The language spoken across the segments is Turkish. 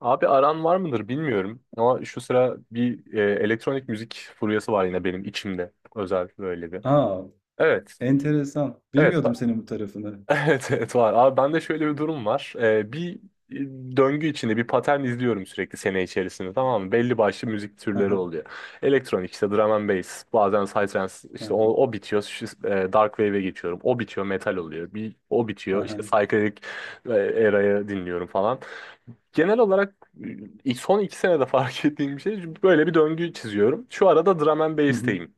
Abi aran var mıdır bilmiyorum ama şu sıra bir elektronik müzik furyası var yine benim içimde özel böyle bir. A! Evet, Enteresan. evet, Bilmiyordum senin bu tarafını. evet, evet var. Abi bende şöyle bir durum var. Bir e, döngü içinde bir patern izliyorum sürekli sene içerisinde, tamam mı? Belli başlı müzik Hı türleri hı. oluyor. Elektronik işte drum and bass, bazen psytrance Hı işte o, hı. o bitiyor, dark wave'e geçiyorum. O bitiyor, metal oluyor. Bir o Hı bitiyor, işte hı. psychedelic era'yı dinliyorum falan. Genel olarak son 2 senede fark ettiğim bir şey çünkü böyle bir döngü çiziyorum. Şu arada drum and Hı hı. bass'teyim.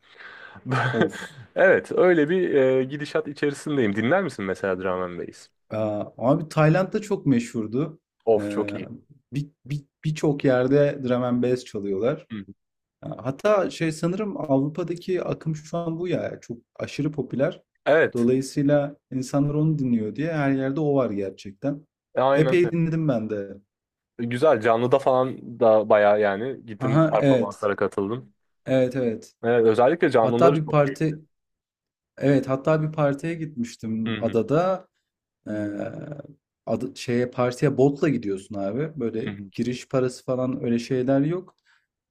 Of! Evet, öyle bir gidişat içerisindeyim. Dinler misin mesela drum and bass? Aaa, abi Tayland'da çok meşhurdu. Of Eee, çok iyi. birçok yerde drum and bass çalıyorlar. Hı hı. Aaa, hatta şey sanırım Avrupa'daki akım şu an bu ya. Çok aşırı popüler. Evet, Dolayısıyla insanlar onu dinliyor diye her yerde o var gerçekten. Aynen öyle. Epey dinledim ben de. Güzel, canlıda falan da bayağı yani gittim Hı, evet. performanslara katıldım. Evet, evet. Evet, özellikle Hatta canlıları bir çok keyifli. parti Evet, hatta bir partiye Hı gitmiştim hı, adada. Ee, şeye partiye botla gidiyorsun abi. hı Böyle hı. giriş parası falan öyle şeyler yok.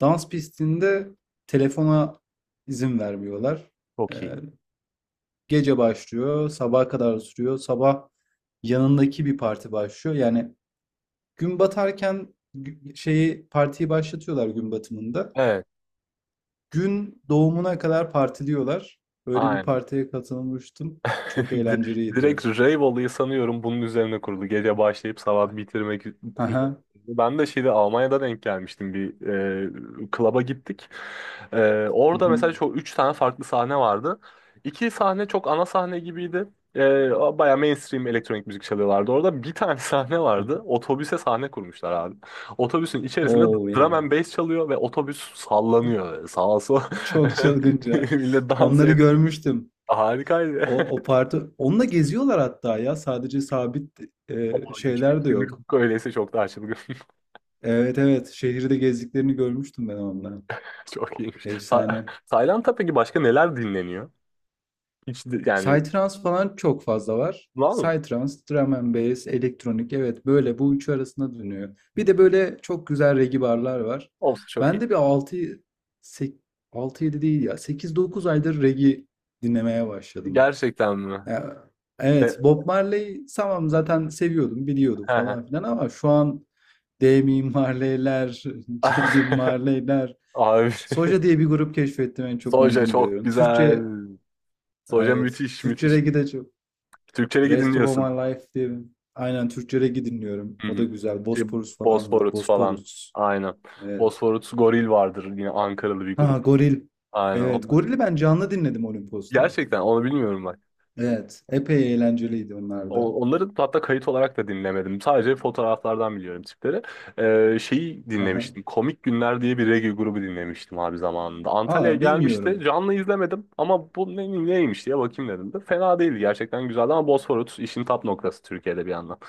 Dans pistinde telefona izin vermiyorlar. Ee, Çok iyi. gece başlıyor, sabaha kadar sürüyor. Sabah yanındaki bir parti başlıyor. Yani gün batarken şeyi partiyi başlatıyorlar gün batımında. Evet, Gün doğumuna kadar partiliyorlar. Öyle bir aynen. partiye katılmıştım. Çok eğlenceliydi. Direkt rave olayı sanıyorum bunun üzerine kurulu. Gece başlayıp sabah bitirmek üzere. Aha. Ben de şeyde Almanya'da denk gelmiştim bir klaba gittik. E, Hı Orada hı. mesela çok 3 tane farklı sahne vardı. İki sahne çok ana sahne gibiydi. E, Baya mainstream elektronik müzik çalıyorlardı. Orada bir tane sahne vardı. Aha. Otobüse sahne kurmuşlar abi. Otobüsün içerisinde Oh drum yeah. and bass çalıyor ve otobüs sallanıyor. Sağa sola Çok çılgınca. millet dans Onları ediyor. görmüştüm. Harikaydı. O parti. Onunla geziyorlar hatta ya. Sadece sabit Aa, hiç şeyler de fikrim yok. yok. Öyleyse çok daha çılgın. Evet, evet. Şehirde gezdiklerini görmüştüm ben onunla. Çok iyiymiş. Ta Efsane. Tayland'da peki başka neler dinleniyor? Yani Psytrance falan çok fazla var. var mı? Psytrance, drum and bass, elektronik evet böyle bu üçü arasında dönüyor. Bir de böyle çok güzel reggae barlar var. Olsa çok iyi. Ben de bir altı, 6-7 değil ya, 8-9 aydır reggae dinlemeye başladım. Gerçekten mi? Ya, E, evet, Bob Marley tamam zaten seviyordum biliyordum he he. falan filan ama şu an Damian Marley'ler, Jaylin Marley'ler, Abi Soja diye bir grup keşfettim en çok onu Soja çok dinliyorum. güzel. Türkçe Soja evet müthiş Türkçe müthiş. reggae de çok Türkçe'de Rest of My dinliyorsun. Life diye aynen Türkçe reggae dinliyorum. Hı O da hı. güzel. Şey, Bosporus falan var. Bosphorus falan. Bosporus. Aynen. Evet. Bosphorus Goril vardır yine Ankaralı bir Ha, grup. Goril. Aynen Evet. onlar. Goril'i ben canlı dinledim Olimpos'ta. Gerçekten onu bilmiyorum bak. Evet. Epey eğlenceliydi onlar da. Onları hatta kayıt olarak da dinlemedim. Sadece fotoğraflardan biliyorum tipleri. Şeyi Aha. dinlemiştim. Komik Günler diye bir reggae grubu dinlemiştim abi zamanında. Antalya'ya Aa, gelmişti. bilmiyorum. Canlı izlemedim ama bu ne, neymiş diye bakayım dedim de. Fena değildi, gerçekten güzeldi ama Bosphorus işin tap noktası Türkiye'de bir yandan.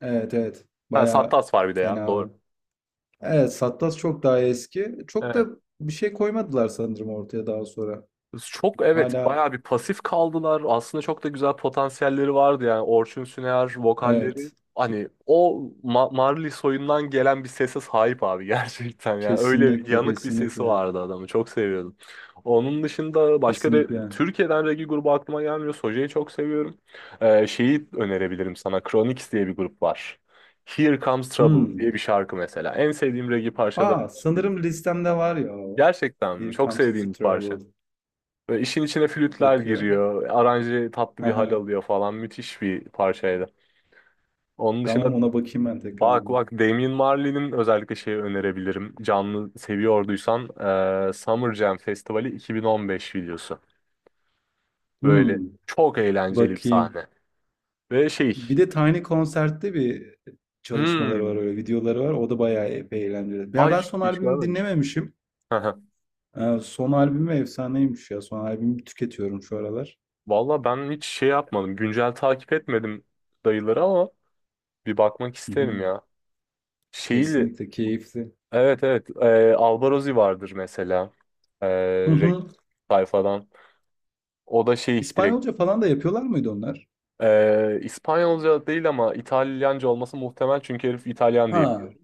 Evet, evet. Ha, Bayağı Sattas var bir de ya, fena var. doğru. Evet, Sattas çok daha eski. Çok da Evet. bir şey koymadılar sanırım ortaya daha sonra. Çok evet, Hala, bayağı bir pasif kaldılar. Aslında çok da güzel potansiyelleri vardı yani. Orçun Süner vokalleri, evet. hani o Marley soyundan gelen bir sese sahip abi gerçekten yani. Öyle bir Kesinlikle yanık bir sesi kesinlikle. vardı adamı. Çok seviyordum. Onun dışında başka da Kesinlikle. Türkiye'den reggae grubu aklıma gelmiyor. Soja'yı çok seviyorum. Şeyi önerebilirim sana. Chronix diye bir grup var. Here Comes Trouble Hmm. diye bir şarkı mesela. En sevdiğim reggae parçalarından Aa, biri. sanırım listemde var ya. Gerçekten mi? Here Çok comes sevdiğim the bir parça. trouble. Böyle işin içine flütler Bakıyor. giriyor. Aranje tatlı bir hal Aha. alıyor falan. Müthiş bir parçaydı. Onun Tamam, dışında ona bakayım ben tekrar. bak bak, Damian Marley'nin özellikle şeyi önerebilirim. Canlı seviyorduysan Summer Jam Festivali 2015 videosu. Böyle Hmm, çok eğlenceli bir bakayım. sahne. Ve şey Bir de Tiny Concert'te bir çalışmaları var, hmm, öyle videoları var. O da bayağı epey eğlenceli. Ya Ay, ben hiç, son hiç albümü görmemiş. dinlememişim. Son albümü efsaneymiş ya. Son albümü tüketiyorum şu aralar. Valla ben hiç şey yapmadım. Güncel takip etmedim dayıları ama bir bakmak Hı isterim hı. ya. Şeyi Kesinlikle keyifli. Evet, evet. Albarozzi vardır mesela. Ee, Hı Re- hı. Sayfadan. O da direkt İspanyolca falan da yapıyorlar mıydı onlar? İspanyolca değil ama İtalyanca olması muhtemel çünkü herif İtalyan diye Ha, biliyorum.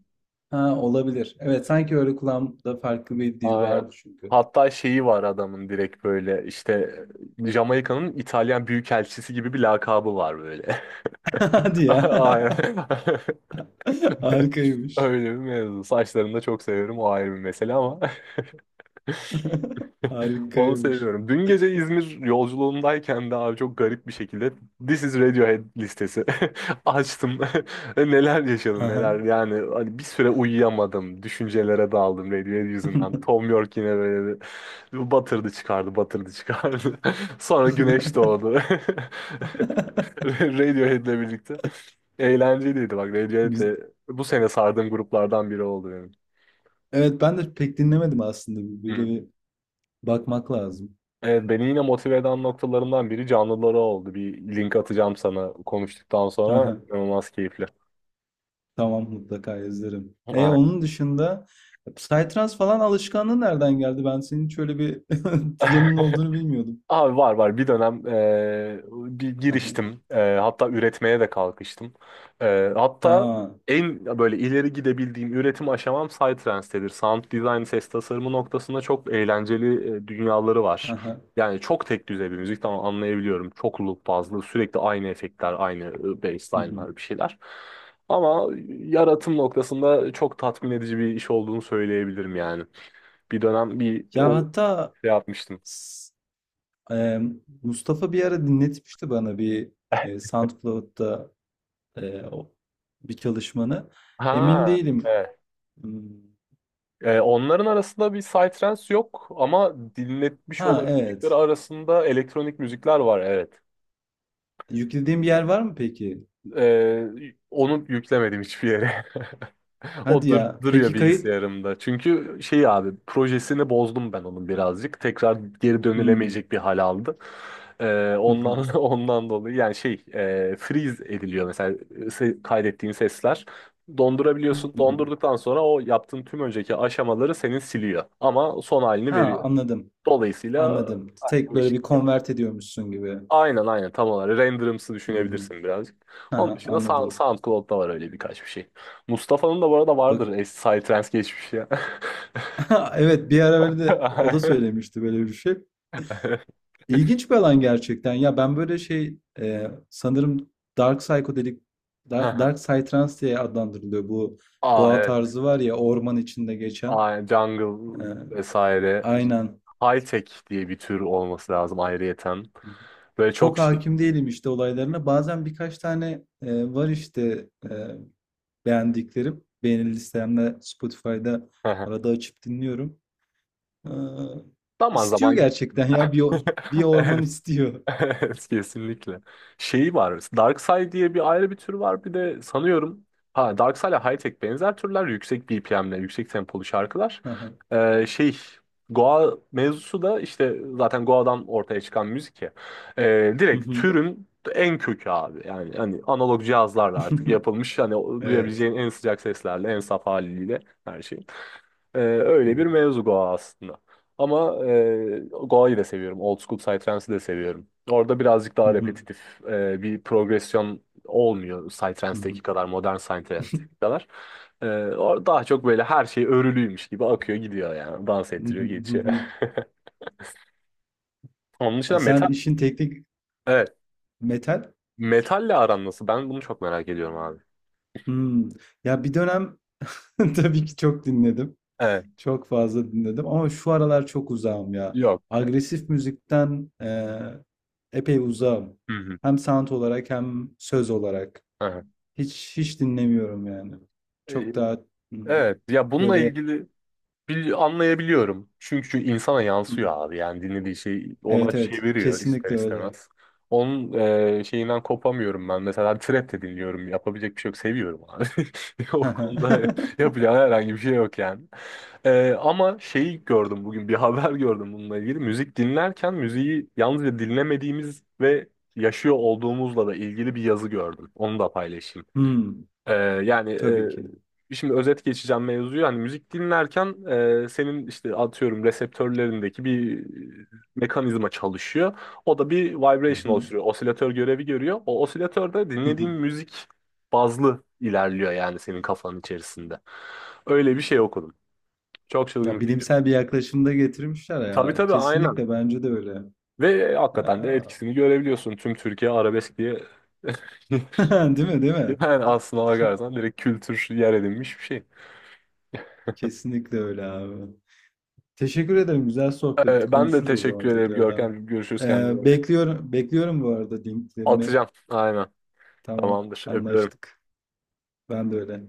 ha olabilir. Evet, sanki öyle kulağımda farklı bir dil Aynen. vardı çünkü. Hatta şeyi var adamın, direkt böyle işte Jamaika'nın İtalyan büyükelçisi gibi bir lakabı var böyle. Hadi ya. Aynen. Harikaymış. Öyle bir mevzu. Saçlarını da çok seviyorum, o ayrı bir mesele ama. Onu Harikaymış. seviyorum. Dün gece İzmir yolculuğundayken de abi çok garip bir şekilde This is Radiohead listesi açtım. Neler yaşadım Aha. neler. Yani hani bir süre uyuyamadım. Düşüncelere daldım Radiohead yüzünden. Tom York yine böyle bir batırdı çıkardı, batırdı çıkardı. Sonra güneş doğdu. Radiohead'le birlikte. Eğlenceliydi bak, Radiohead Güz- de bu sene sardığım gruplardan biri oldu benim. Evet, ben de pek dinlemedim aslında. Böyle bir bakmak lazım. Evet, beni yine motive eden noktalarından biri canlıları oldu. Bir link atacağım sana konuştuktan sonra. Aha. İnanılmaz keyifli. Tamam, mutlaka izlerim. E Aynen. onun dışında Psytrance falan alışkanlığı nereden geldi? Ben senin şöyle bir yanının olduğunu bilmiyordum. Abi var var, bir dönem e, bir Aha. giriştim. Hatta üretmeye de kalkıştım. Hatta Aha. en böyle ileri gidebildiğim üretim aşamam Psytrance'tedir. Sound design, ses tasarımı noktasında çok eğlenceli dünyaları var. Aha. Yani çok tek düzey bir müzik, tamam anlayabiliyorum. Çok loop bazlı, sürekli aynı efektler, aynı Hı hı. bassline'lar, bir şeyler. Ama yaratım noktasında çok tatmin edici bir iş olduğunu söyleyebilirim yani. Bir dönem bir Ya o hatta şey yapmıştım. s- e, Mustafa bir ara dinletmişti bana bir SoundCloud'da e, o- bir çalışmanı. Emin Ha, değilim. evet. Hmm, Onların arasında bir psytrance yok ama dinletmiş ha olabilecekleri evet. arasında elektronik müzikler var, evet. Yüklediğim bir yer var mı peki? Onu yüklemedim hiçbir yere. O Hadi dur ya. duruyor Peki kayıt? bilgisayarımda. Çünkü abi projesini bozdum ben onun birazcık. Tekrar geri Hmm. dönülemeyecek bir hal aldı. Hı hı. Ondan ondan dolayı, yani freeze ediliyor mesela kaydettiğin sesler. Hı Dondurabiliyorsun. hı. Dondurduktan sonra o yaptığın tüm önceki aşamaları senin siliyor. Ama son halini Ha, veriyor. anladım. Dolayısıyla Anladım. aynı Tek böyle bir değişiklik yaparım. convert ediyormuşsun gibi. Aynen aynen, tam olarak. Renderımsı Hı hı. düşünebilirsin birazcık. Onun Ha, dışında anladım. SoundCloud'da var öyle birkaç bir şey. Mustafa'nın da bu arada Bak vardır eski Psytrance geçmişi ya. evet bir ara böyle de o da söylemişti böyle bir şey. İlginç bir alan gerçekten. Ya ben böyle şey sanırım Dark Psychedelic Dark Psytrance diye adlandırılıyor. Bu Aa, Goa evet. tarzı var ya orman içinde geçen. Aynen, E, jungle vesaire. aynen. High tech diye bir tür olması lazım ayrıyeten. Böyle çok Çok şey. hakim değilim işte olaylarına. Bazen birkaç tane var işte beğendiklerim. Beğeni listemde Spotify'da arada açıp dinliyorum. E, Zaman istiyor zaman gerçekten ya bir orman evet. istiyor. Evet, kesinlikle. Şeyi var. Darkside diye bir ayrı bir tür var. Bir de sanıyorum ha darkside, Side ile High benzer türler. Yüksek BPM'le, yüksek tempolu şarkılar. Hı Ee, şey Goa mevzusu da işte zaten Goa'dan ortaya çıkan müzik ya. Direkt hı. türün en kökü abi. Yani hani analog cihazlarla artık yapılmış. Hani Evet. duyabileceğin en sıcak seslerle, en saf haliyle her şey. Hı Öyle bir hı. mevzu Goa aslında. Ama Goa'yı da seviyorum. Old School Psytrance'ı da seviyorum. Orada birazcık Hı daha hı. repetitif bir progresyon olmuyor Hı Psytrance'deki hı. kadar, modern Psytrance'deki kadar. Daha çok böyle her şey örülüymüş gibi akıyor gidiyor yani. Dans Hı ettiriyor hı, hı geçiyor. hı. Onun A, dışında sen metal. işin teknik Evet. metal. Metalle aran nasıl? Ben bunu çok merak ediyorum abi. Hmm. Ya, bir dönem tabii ki çok dinledim. Evet. Çok fazla dinledim ama şu aralar çok uzağım ya. Yok. Agresif müzikten, epey uzağım. Hı hı. Hem sound olarak hem söz olarak. Aha. Hiç hiç dinlemiyorum yani. Ee, Çok daha. Hı. Evet ya, bununla Böyle. ilgili anlayabiliyorum. Çünkü insana Hı. yansıyor abi. Yani dinlediği şey ona Evet, evet. çeviriyor ister Kesinlikle öyle. istemez. Onun şeyinden kopamıyorum ben. Mesela trap de dinliyorum. Yapabilecek bir şey yok. Seviyorum abi. O Hı hı. konuda yapacağım herhangi bir şey yok yani. Ama şeyi gördüm bugün. Bir haber gördüm bununla ilgili. Müzik dinlerken müziği yalnızca dinlemediğimiz ve yaşıyor olduğumuzla da ilgili bir yazı gördüm. Onu da paylaşayım. Ee, Yani Tabii ki. Şimdi özet geçeceğim mevzuyu. Hani müzik dinlerken senin işte atıyorum reseptörlerindeki bir mekanizma çalışıyor. O da bir Hı vibration hı. oluşturuyor. Osilatör görevi görüyor. O osilatörde Hı dinlediğin hı. müzik bazlı ilerliyor yani senin kafanın içerisinde. Öyle bir şey okudum. Çok çılgın Ya bir fikir. bilimsel bir yaklaşımda getirmişler Tabii yani. tabii, aynen. Kesinlikle bence de öyle. Ve Ee, hakikaten de etkisini görebiliyorsun. Tüm Türkiye arabesk diye. Değil mi? Değil mi? Yani aslına bakarsan direkt kültür yer edinmiş bir şey. Kesinlikle öyle abi. Teşekkür ederim. Güzel sohbetti. Ben de Konuşuruz o zaman teşekkür ederim tekrardan. Görkem. Görüşürüz, kendine iyi bak. Bekliyorum, bekliyorum bu arada linklerini. Atacağım. Aynen. Tamam, Tamamdır. Öpüyorum. anlaştık. Ben de öyle.